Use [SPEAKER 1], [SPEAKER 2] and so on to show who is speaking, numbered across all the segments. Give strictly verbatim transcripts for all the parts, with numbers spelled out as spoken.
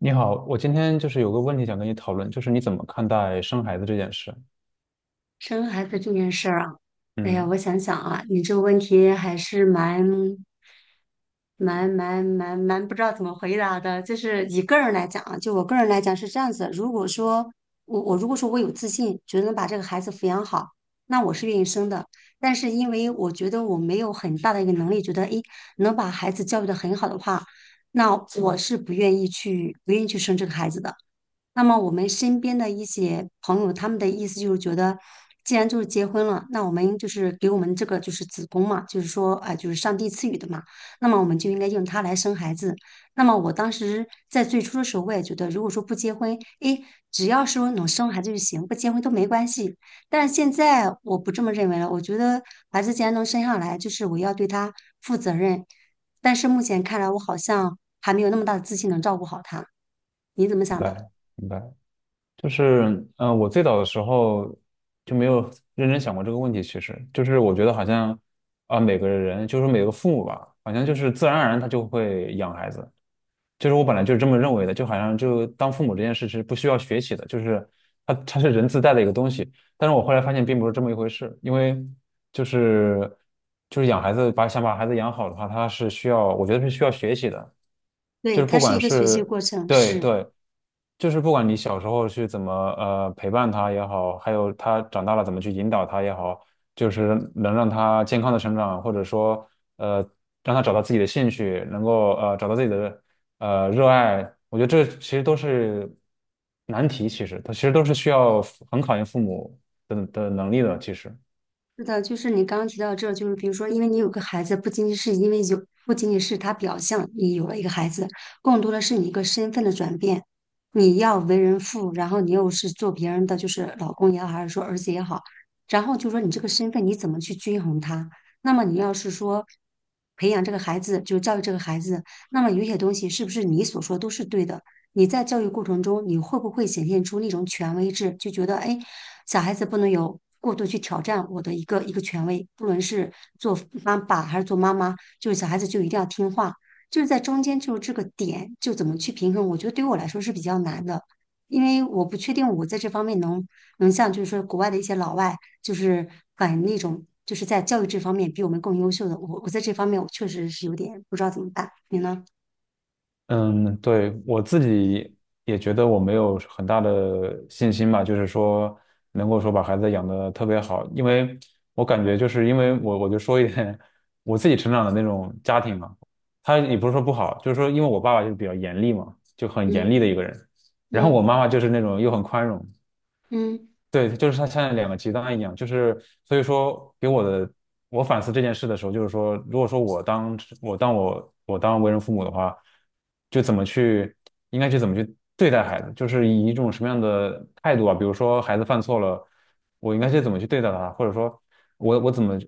[SPEAKER 1] 你好，我今天就是有个问题想跟你讨论，就是你怎么看待生孩子这件事？
[SPEAKER 2] 生孩子这件事儿啊，哎呀，我
[SPEAKER 1] 嗯，
[SPEAKER 2] 想想啊，你这个问题还是蛮、蛮、蛮、蛮、蛮不知道怎么回答的。就是以个人来讲啊，就我个人来讲是这样子。如果说我我如果说我有自信，觉得能把这个孩子抚养好，那我是愿意生的。但是因为我觉得我没有很大的一个能力，觉得诶能把孩子教育的很好的话，那我是不愿意去不愿意去生这个孩子的。那么我们身边的一些朋友，他们的意思就是觉得，既然就是结婚了，那我们就是给我们这个就是子宫嘛，就是说啊、呃就是上帝赐予的嘛，那么我们就应该用它来生孩子。那么我当时在最初的时候，我也觉得，如果说不结婚，诶，只要是能生孩子就行，不结婚都没关系。但是现在我不这么认为了，我觉得孩子既然能生下来，就是我要对他负责任。但是目前看来，我好像还没有那么大的自信能照顾好他。你怎么
[SPEAKER 1] 明
[SPEAKER 2] 想的？
[SPEAKER 1] 白，明白。就是，嗯，我最早的时候就没有认真想过这个问题。其实，就是我觉得好像啊、每个人，就是每个父母吧，好像就是自然而然他就会养孩子，就是我本来就是这么认为的，就好像就当父母这件事是不需要学习的，就是它它是人自带的一个东西。但是我后来发现并不是这么一回事，因为就是就是养孩子把想把孩子养好的话，他是需要我觉得是需要学习的，
[SPEAKER 2] 对，
[SPEAKER 1] 就是
[SPEAKER 2] 它
[SPEAKER 1] 不
[SPEAKER 2] 是
[SPEAKER 1] 管
[SPEAKER 2] 一个学习
[SPEAKER 1] 是
[SPEAKER 2] 过程，
[SPEAKER 1] 对
[SPEAKER 2] 是
[SPEAKER 1] 对，就是不管你小时候去怎么呃陪伴他也好，还有他长大了怎么去引导他也好，就是能让他健康的成长，或者说呃让他找到自己的兴趣，能够呃找到自己的。呃，热爱，我觉得这其实都是难题，其实它其实都是需要很考验父母的的能力的。其实，
[SPEAKER 2] 是的，就是你刚刚提到这，就是比如说，因为你有个孩子，不仅仅是因为有，不仅仅是他表象，你有了一个孩子，更多的是你一个身份的转变，你要为人父，然后你又是做别人的，就是老公也好，还是说儿子也好，然后就说你这个身份你怎么去均衡它？那么你要是说培养这个孩子，就教育这个孩子，那么有些东西是不是你所说都是对的？你在教育过程中，你会不会显现出那种权威制，就觉得哎？小孩子不能有过度去挑战我的一个一个权威，不论是做妈爸还是做妈妈，就是小孩子就一定要听话，就是在中间就是这个点就怎么去平衡，我觉得对于我来说是比较难的，因为我不确定我在这方面能能像就是说国外的一些老外，就是反那种就是在教育这方面比我们更优秀的，我我在这方面我确实是有点不知道怎么办，你呢？
[SPEAKER 1] 嗯，对，我自己也觉得我没有很大的信心吧，就是说能够说把孩子养得特别好，因为我感觉就是因为我我就说一点 我自己成长的那种家庭嘛，他也不是说不好，就是说因为我爸爸就是比较严厉嘛，就很严
[SPEAKER 2] 嗯
[SPEAKER 1] 厉的一个人，然后我
[SPEAKER 2] 嗯
[SPEAKER 1] 妈妈就是那种又很宽容。
[SPEAKER 2] 嗯，
[SPEAKER 1] 对，就是它像两个极端一样，就是所以说给我的，我反思这件事的时候，就是说，如果说我当我当我我当为人父母的话，就怎么去应该去怎么去对待孩子，就是以一种什么样的态度啊？比如说孩子犯错了，我应该去怎么去对待他，或者说我我怎么，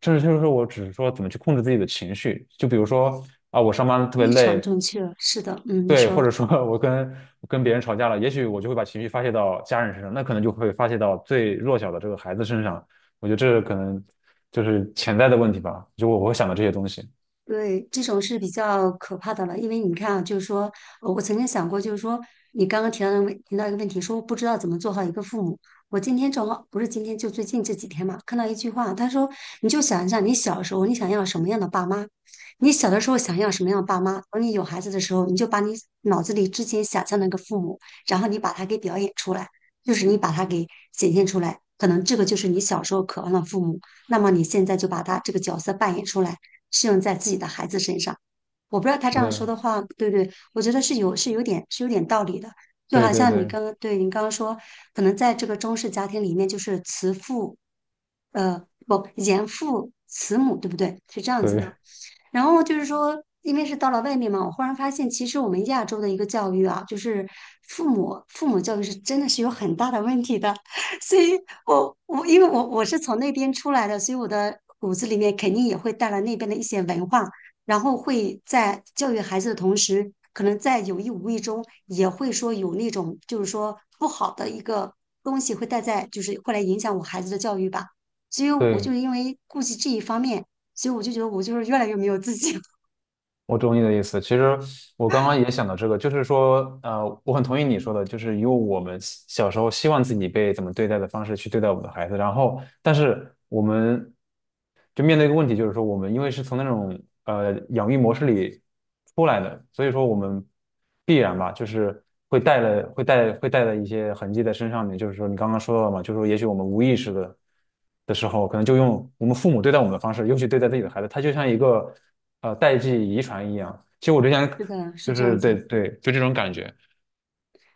[SPEAKER 1] 甚至就是说我只是说怎么去控制自己的情绪，就比如说啊，我上班特别
[SPEAKER 2] 非常
[SPEAKER 1] 累，
[SPEAKER 2] 正确，是的，嗯，你
[SPEAKER 1] 对，
[SPEAKER 2] 说。
[SPEAKER 1] 或者说 我跟我跟别人吵架了，也许我就会把情绪发泄到家人身上，那可能就会发泄到最弱小的这个孩子身上。我觉得这可能就是潜在的问题吧，就我我会想到这些东西。
[SPEAKER 2] 对，这种是比较可怕的了，因为你看啊，就是说，呃我曾经想过，就是说，你刚刚提到的问提到一个问题，说不知道怎么做好一个父母。我今天正好不是今天，就最近这几天嘛，看到一句话，他说，你就想一下，你小时候你想要什么样的爸妈，你小的时候想要什么样的爸妈，等你有孩子的时候，你就把你脑子里之前想象的那个父母，然后你把它给表演出来，就是你把它给显现出来，可能这个就是你小时候渴望的父母，那么你现在就把他这个角色扮演出来。适用在自己的孩子身上。我不知道他这
[SPEAKER 1] 是
[SPEAKER 2] 样说
[SPEAKER 1] 的，
[SPEAKER 2] 的话对不对，我觉得是有是有点是有点道理的。就
[SPEAKER 1] 对
[SPEAKER 2] 好
[SPEAKER 1] 对
[SPEAKER 2] 像你
[SPEAKER 1] 对
[SPEAKER 2] 刚刚对你刚刚说，可能在这个中式家庭里面，就是慈父，呃，不严父慈母，对不对？是这样子
[SPEAKER 1] 对
[SPEAKER 2] 的。然后就是说，因为是到了外面嘛，我忽然发现，其实我们亚洲的一个教育啊，就是父母父母教育是真的是有很大的问题的。所以我我因为我我是从那边出来的，所以我的骨子里面肯定也会带来那边的一些文化，然后会在教育孩子的同时，可能在有意无意中也会说有那种就是说不好的一个东西会带在，就是会来影响我孩子的教育吧。所以我就
[SPEAKER 1] 对，
[SPEAKER 2] 因为顾及这一方面。所以我就觉得我就是越来越没有自信。
[SPEAKER 1] 我懂你的意思。其实我刚刚也想到这个，就是说，呃，我很同意你说的，就是以我们小时候希望自己被怎么对待的方式去对待我们的孩子，然后，但是我们。就面对一个问题，就是说我们因为是从那种呃养育模式里出来的，所以说我们必然吧，就是会带了会带会带了一些痕迹在身上面。就是说你刚刚说到了嘛，就是说也许我们无意识的的时候，可能就用我们父母对待我们的方式，尤其对待自己的孩子，他就像一个呃代际遗传一样。其实我之前
[SPEAKER 2] 是的，是
[SPEAKER 1] 就
[SPEAKER 2] 这
[SPEAKER 1] 是
[SPEAKER 2] 样
[SPEAKER 1] 对
[SPEAKER 2] 子。
[SPEAKER 1] 对，就这种感觉。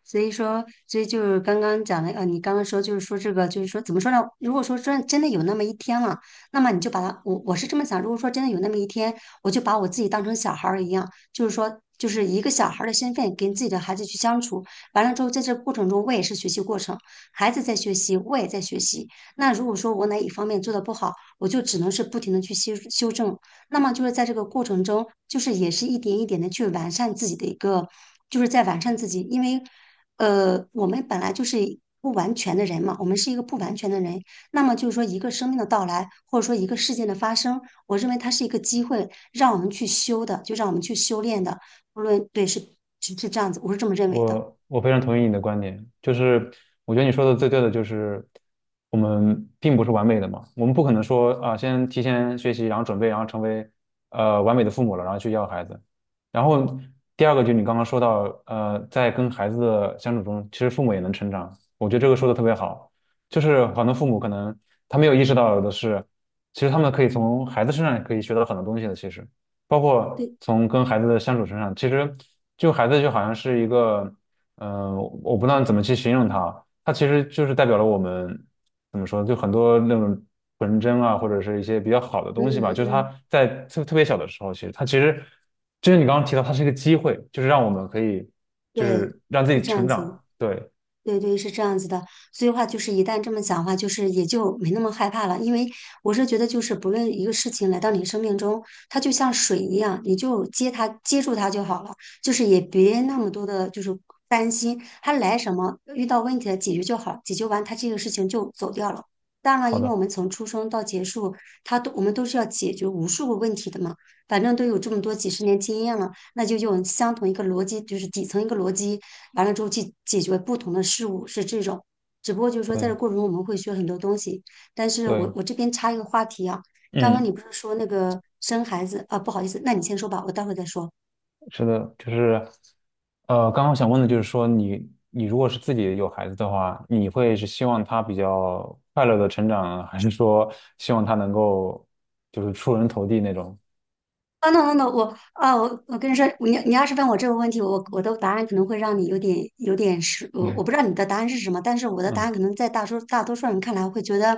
[SPEAKER 2] 所以说，所以就是刚刚讲的，呃，你刚刚说就是说这个，就是说怎么说呢？如果说真真的有那么一天了，那么你就把它，我我是这么想，如果说真的有那么一天，我就把我自己当成小孩儿一样，就是说，就是一个小孩儿的身份跟自己的孩子去相处。完了之后，在这过程中，我也是学习过程，孩子在学习，我也在学习。那如果说我哪一方面做的不好，我就只能是不停的去修修正，那么就是在这个过程中，就是也是一点一点的去完善自己的一个，就是在完善自己，因为，呃，我们本来就是不完全的人嘛，我们是一个不完全的人。那么就是说，一个生命的到来，或者说一个事件的发生，我认为它是一个机会，让我们去修的，就让我们去修炼的。无论对是是是这样子，我是这么认为的。
[SPEAKER 1] 我我非常同意你的观点，就是我觉得你说的最对的就是我们并不是完美的嘛，我们不可能说啊、先提前学习，然后准备，然后成为呃完美的父母了，然后去要孩子。然后第二个就是你刚刚说到，呃，在跟孩子的相处中，其实父母也能成长，我觉得这个说的特别好，就是很多父母可能他没有意识到的是，其实他们可以从孩子身上也可以学到很多东西的，其实。包括
[SPEAKER 2] 对，
[SPEAKER 1] 从跟孩子的相处身上，其实就孩子就好像是一个，嗯、我不知道怎么去形容他，他其实就是代表了我们怎么说，就很多那种纯真啊，或者是一些比较好的
[SPEAKER 2] 嗯
[SPEAKER 1] 东西吧。
[SPEAKER 2] 嗯，
[SPEAKER 1] 就是他
[SPEAKER 2] 嗯，
[SPEAKER 1] 在特特别小的时候，其实他其实，就是你刚刚提到，他是一个机会，就是让我们可以，就
[SPEAKER 2] 对，
[SPEAKER 1] 是让自
[SPEAKER 2] 是
[SPEAKER 1] 己
[SPEAKER 2] 这样
[SPEAKER 1] 成
[SPEAKER 2] 子。
[SPEAKER 1] 长。对，
[SPEAKER 2] 对对，是这样子的，所以话就是一旦这么讲的话，就是也就没那么害怕了，因为我是觉得就是不论一个事情来到你生命中，它就像水一样，你就接它接住它就好了，就是也别那么多的就是担心它来什么，遇到问题了解决就好，解决完它这个事情就走掉了。当然了，
[SPEAKER 1] 好
[SPEAKER 2] 因为我
[SPEAKER 1] 的，
[SPEAKER 2] 们从出生到结束，它都我们都是要解决无数个问题的嘛，反正都有这么多几十年经验了，那就用相同一个逻辑，就是底层一个逻辑。完了之后去解决不同的事物，是这种。只不过就是说，在这
[SPEAKER 1] 对
[SPEAKER 2] 过程中我们会学很多东西。但是我
[SPEAKER 1] 对，
[SPEAKER 2] 我这边插一个话题啊，刚刚你
[SPEAKER 1] 嗯。
[SPEAKER 2] 不是说那个生孩子啊？不好意思，那你先说吧，我待会再说。
[SPEAKER 1] 是的，就是，呃，刚刚想问的就是说你，你如果是自己有孩子的话，你会是希望他比较快乐的成长，还是说希望他能够就是出人头地那种？
[SPEAKER 2] 等等等等，我啊，我我跟你说，你你要是问我这个问题，我我的答案可能会让你有点有点是，我我
[SPEAKER 1] 嗯
[SPEAKER 2] 不知道你的答案是什么，但是我的答案
[SPEAKER 1] 嗯，
[SPEAKER 2] 可能在大多大多数人看来会觉得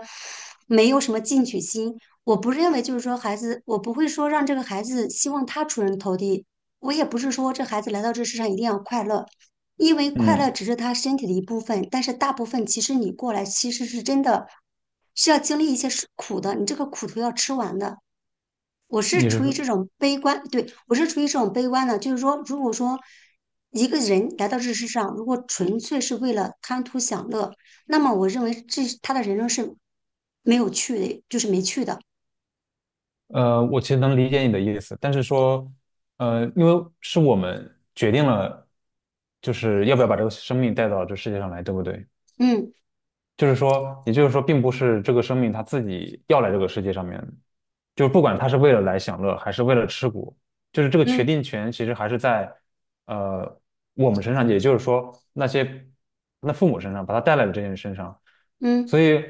[SPEAKER 2] 没有什么进取心。我不认为就是说孩子，我不会说让这个孩子希望他出人头地，我也不是说这孩子来到这世上一定要快乐，因为快乐
[SPEAKER 1] 嗯，
[SPEAKER 2] 只是他身体的一部分，但是大部分其实你过来其实是真的是要经历一些是苦的，你这个苦头要吃完的。我是
[SPEAKER 1] 你
[SPEAKER 2] 处于
[SPEAKER 1] 是
[SPEAKER 2] 这种悲观，对，我是处于这种悲观的，就是说，如果说一个人来到这世上，如果纯粹是为了贪图享乐，那么我认为这他的人生是没有趣的，就是没趣的。
[SPEAKER 1] 呃，我其实能理解你的意思，但是说，呃，因为是我们决定了，就是要不要把这个生命带到这世界上来，对不对？
[SPEAKER 2] 嗯
[SPEAKER 1] 就是说，也就是说，并不是这个生命它自己要来这个世界上面，就是不管它是为了来享乐还是为了吃苦，就是这个决
[SPEAKER 2] 嗯
[SPEAKER 1] 定权其实还是在呃我们身上，也就是说那些那父母身上把他带来的这些人身上。所
[SPEAKER 2] 嗯
[SPEAKER 1] 以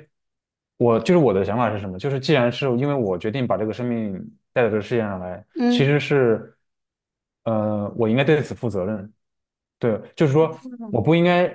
[SPEAKER 1] 我就是我的想法是什么？就是既然是因为我决定把这个生命带到这个世界上来，其
[SPEAKER 2] 嗯，
[SPEAKER 1] 实是呃我应该对此负责任。对，就是说我不
[SPEAKER 2] 嗯
[SPEAKER 1] 应该，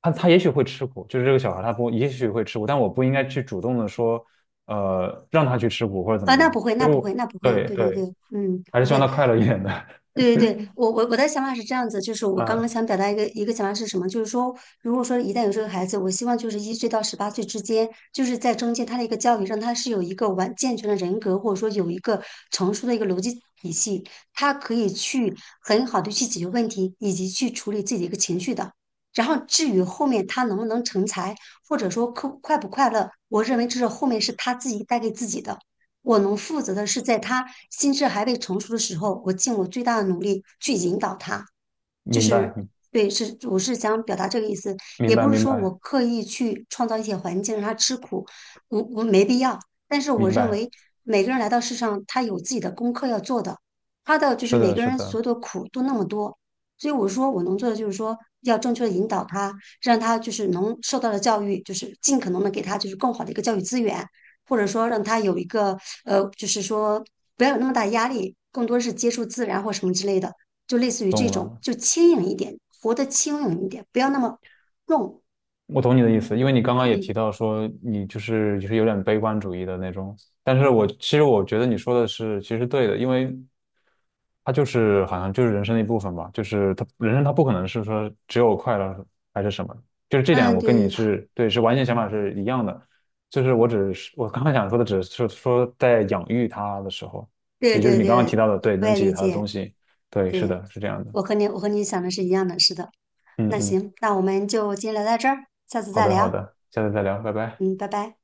[SPEAKER 1] 他他也许会吃苦，就是这个小孩他不也许会吃苦，但我不应该去主动的说，呃，让他去吃苦或者怎
[SPEAKER 2] 啊，
[SPEAKER 1] 么
[SPEAKER 2] 那
[SPEAKER 1] 样，
[SPEAKER 2] 不会，
[SPEAKER 1] 就
[SPEAKER 2] 那
[SPEAKER 1] 是
[SPEAKER 2] 不
[SPEAKER 1] 我
[SPEAKER 2] 会，那不会，
[SPEAKER 1] 对
[SPEAKER 2] 对对对，
[SPEAKER 1] 对，
[SPEAKER 2] 嗯，
[SPEAKER 1] 还是
[SPEAKER 2] 不
[SPEAKER 1] 希望
[SPEAKER 2] 会。
[SPEAKER 1] 他快乐一点的。
[SPEAKER 2] 对对对，我我我的想法是这样子，就是我刚刚
[SPEAKER 1] 嗯，
[SPEAKER 2] 想表达一个一个想法是什么，就是说，如果说一旦有这个孩子，我希望就是一岁到十八岁之间，就是在中间他的一个教育，让他是有一个完健全的人格，或者说有一个成熟的一个逻辑体系，他可以去很好的去解决问题，以及去处理自己的一个情绪的。然后至于后面他能不能成才，或者说快快不快乐，我认为这是后面是他自己带给自己的。我能负责的是，在他心智还未成熟的时候，我尽我最大的努力去引导他，就
[SPEAKER 1] 明白，
[SPEAKER 2] 是对，是我是想表达这个意思，
[SPEAKER 1] 明
[SPEAKER 2] 也
[SPEAKER 1] 白，
[SPEAKER 2] 不是
[SPEAKER 1] 明
[SPEAKER 2] 说我
[SPEAKER 1] 白，
[SPEAKER 2] 刻意去创造一些环境让他吃苦，我我没必要。但是我
[SPEAKER 1] 明
[SPEAKER 2] 认
[SPEAKER 1] 白，
[SPEAKER 2] 为每个人来到世上，他有自己的功课要做的，他的就是
[SPEAKER 1] 是
[SPEAKER 2] 每
[SPEAKER 1] 的，
[SPEAKER 2] 个
[SPEAKER 1] 是
[SPEAKER 2] 人所
[SPEAKER 1] 的，
[SPEAKER 2] 有的苦都那么多，所以我说我能做的就是说要正确的引导他，让他就是能受到的教育，就是尽可能的给他就是更好的一个教育资源，或者说让他有一个呃，就是说不要有那么大压力，更多是接触自然或什么之类的。就类似于这
[SPEAKER 1] 懂
[SPEAKER 2] 种，
[SPEAKER 1] 了。
[SPEAKER 2] 就轻盈一点，活得轻盈一点，不要那么重。
[SPEAKER 1] 我懂你的意思，因为你刚刚也
[SPEAKER 2] 嗯
[SPEAKER 1] 提到说你就是就是有点悲观主义的那种，但是我其实我觉得你说的是其实对的，因为它就是好像就是人生的一部分吧，就是它人生它不可能是说只有快乐还是什么，就是这点
[SPEAKER 2] 嗯，
[SPEAKER 1] 我跟
[SPEAKER 2] 对
[SPEAKER 1] 你 是对是完全想法是一样的，就是我只是我刚刚想说的只是说在养育它的时候，
[SPEAKER 2] 对
[SPEAKER 1] 也就是
[SPEAKER 2] 对
[SPEAKER 1] 你刚刚提
[SPEAKER 2] 对，
[SPEAKER 1] 到的，对，
[SPEAKER 2] 我
[SPEAKER 1] 能
[SPEAKER 2] 也
[SPEAKER 1] 给予
[SPEAKER 2] 理
[SPEAKER 1] 它的
[SPEAKER 2] 解。
[SPEAKER 1] 东西，对，是
[SPEAKER 2] 对，
[SPEAKER 1] 的，是这样的，
[SPEAKER 2] 我和你我和你想的是一样的，是的。
[SPEAKER 1] 嗯
[SPEAKER 2] 那
[SPEAKER 1] 嗯，
[SPEAKER 2] 行，那我们就今天聊到这儿，下次
[SPEAKER 1] 好
[SPEAKER 2] 再
[SPEAKER 1] 的好
[SPEAKER 2] 聊。
[SPEAKER 1] 的，下次再聊，拜拜。
[SPEAKER 2] 嗯，拜拜。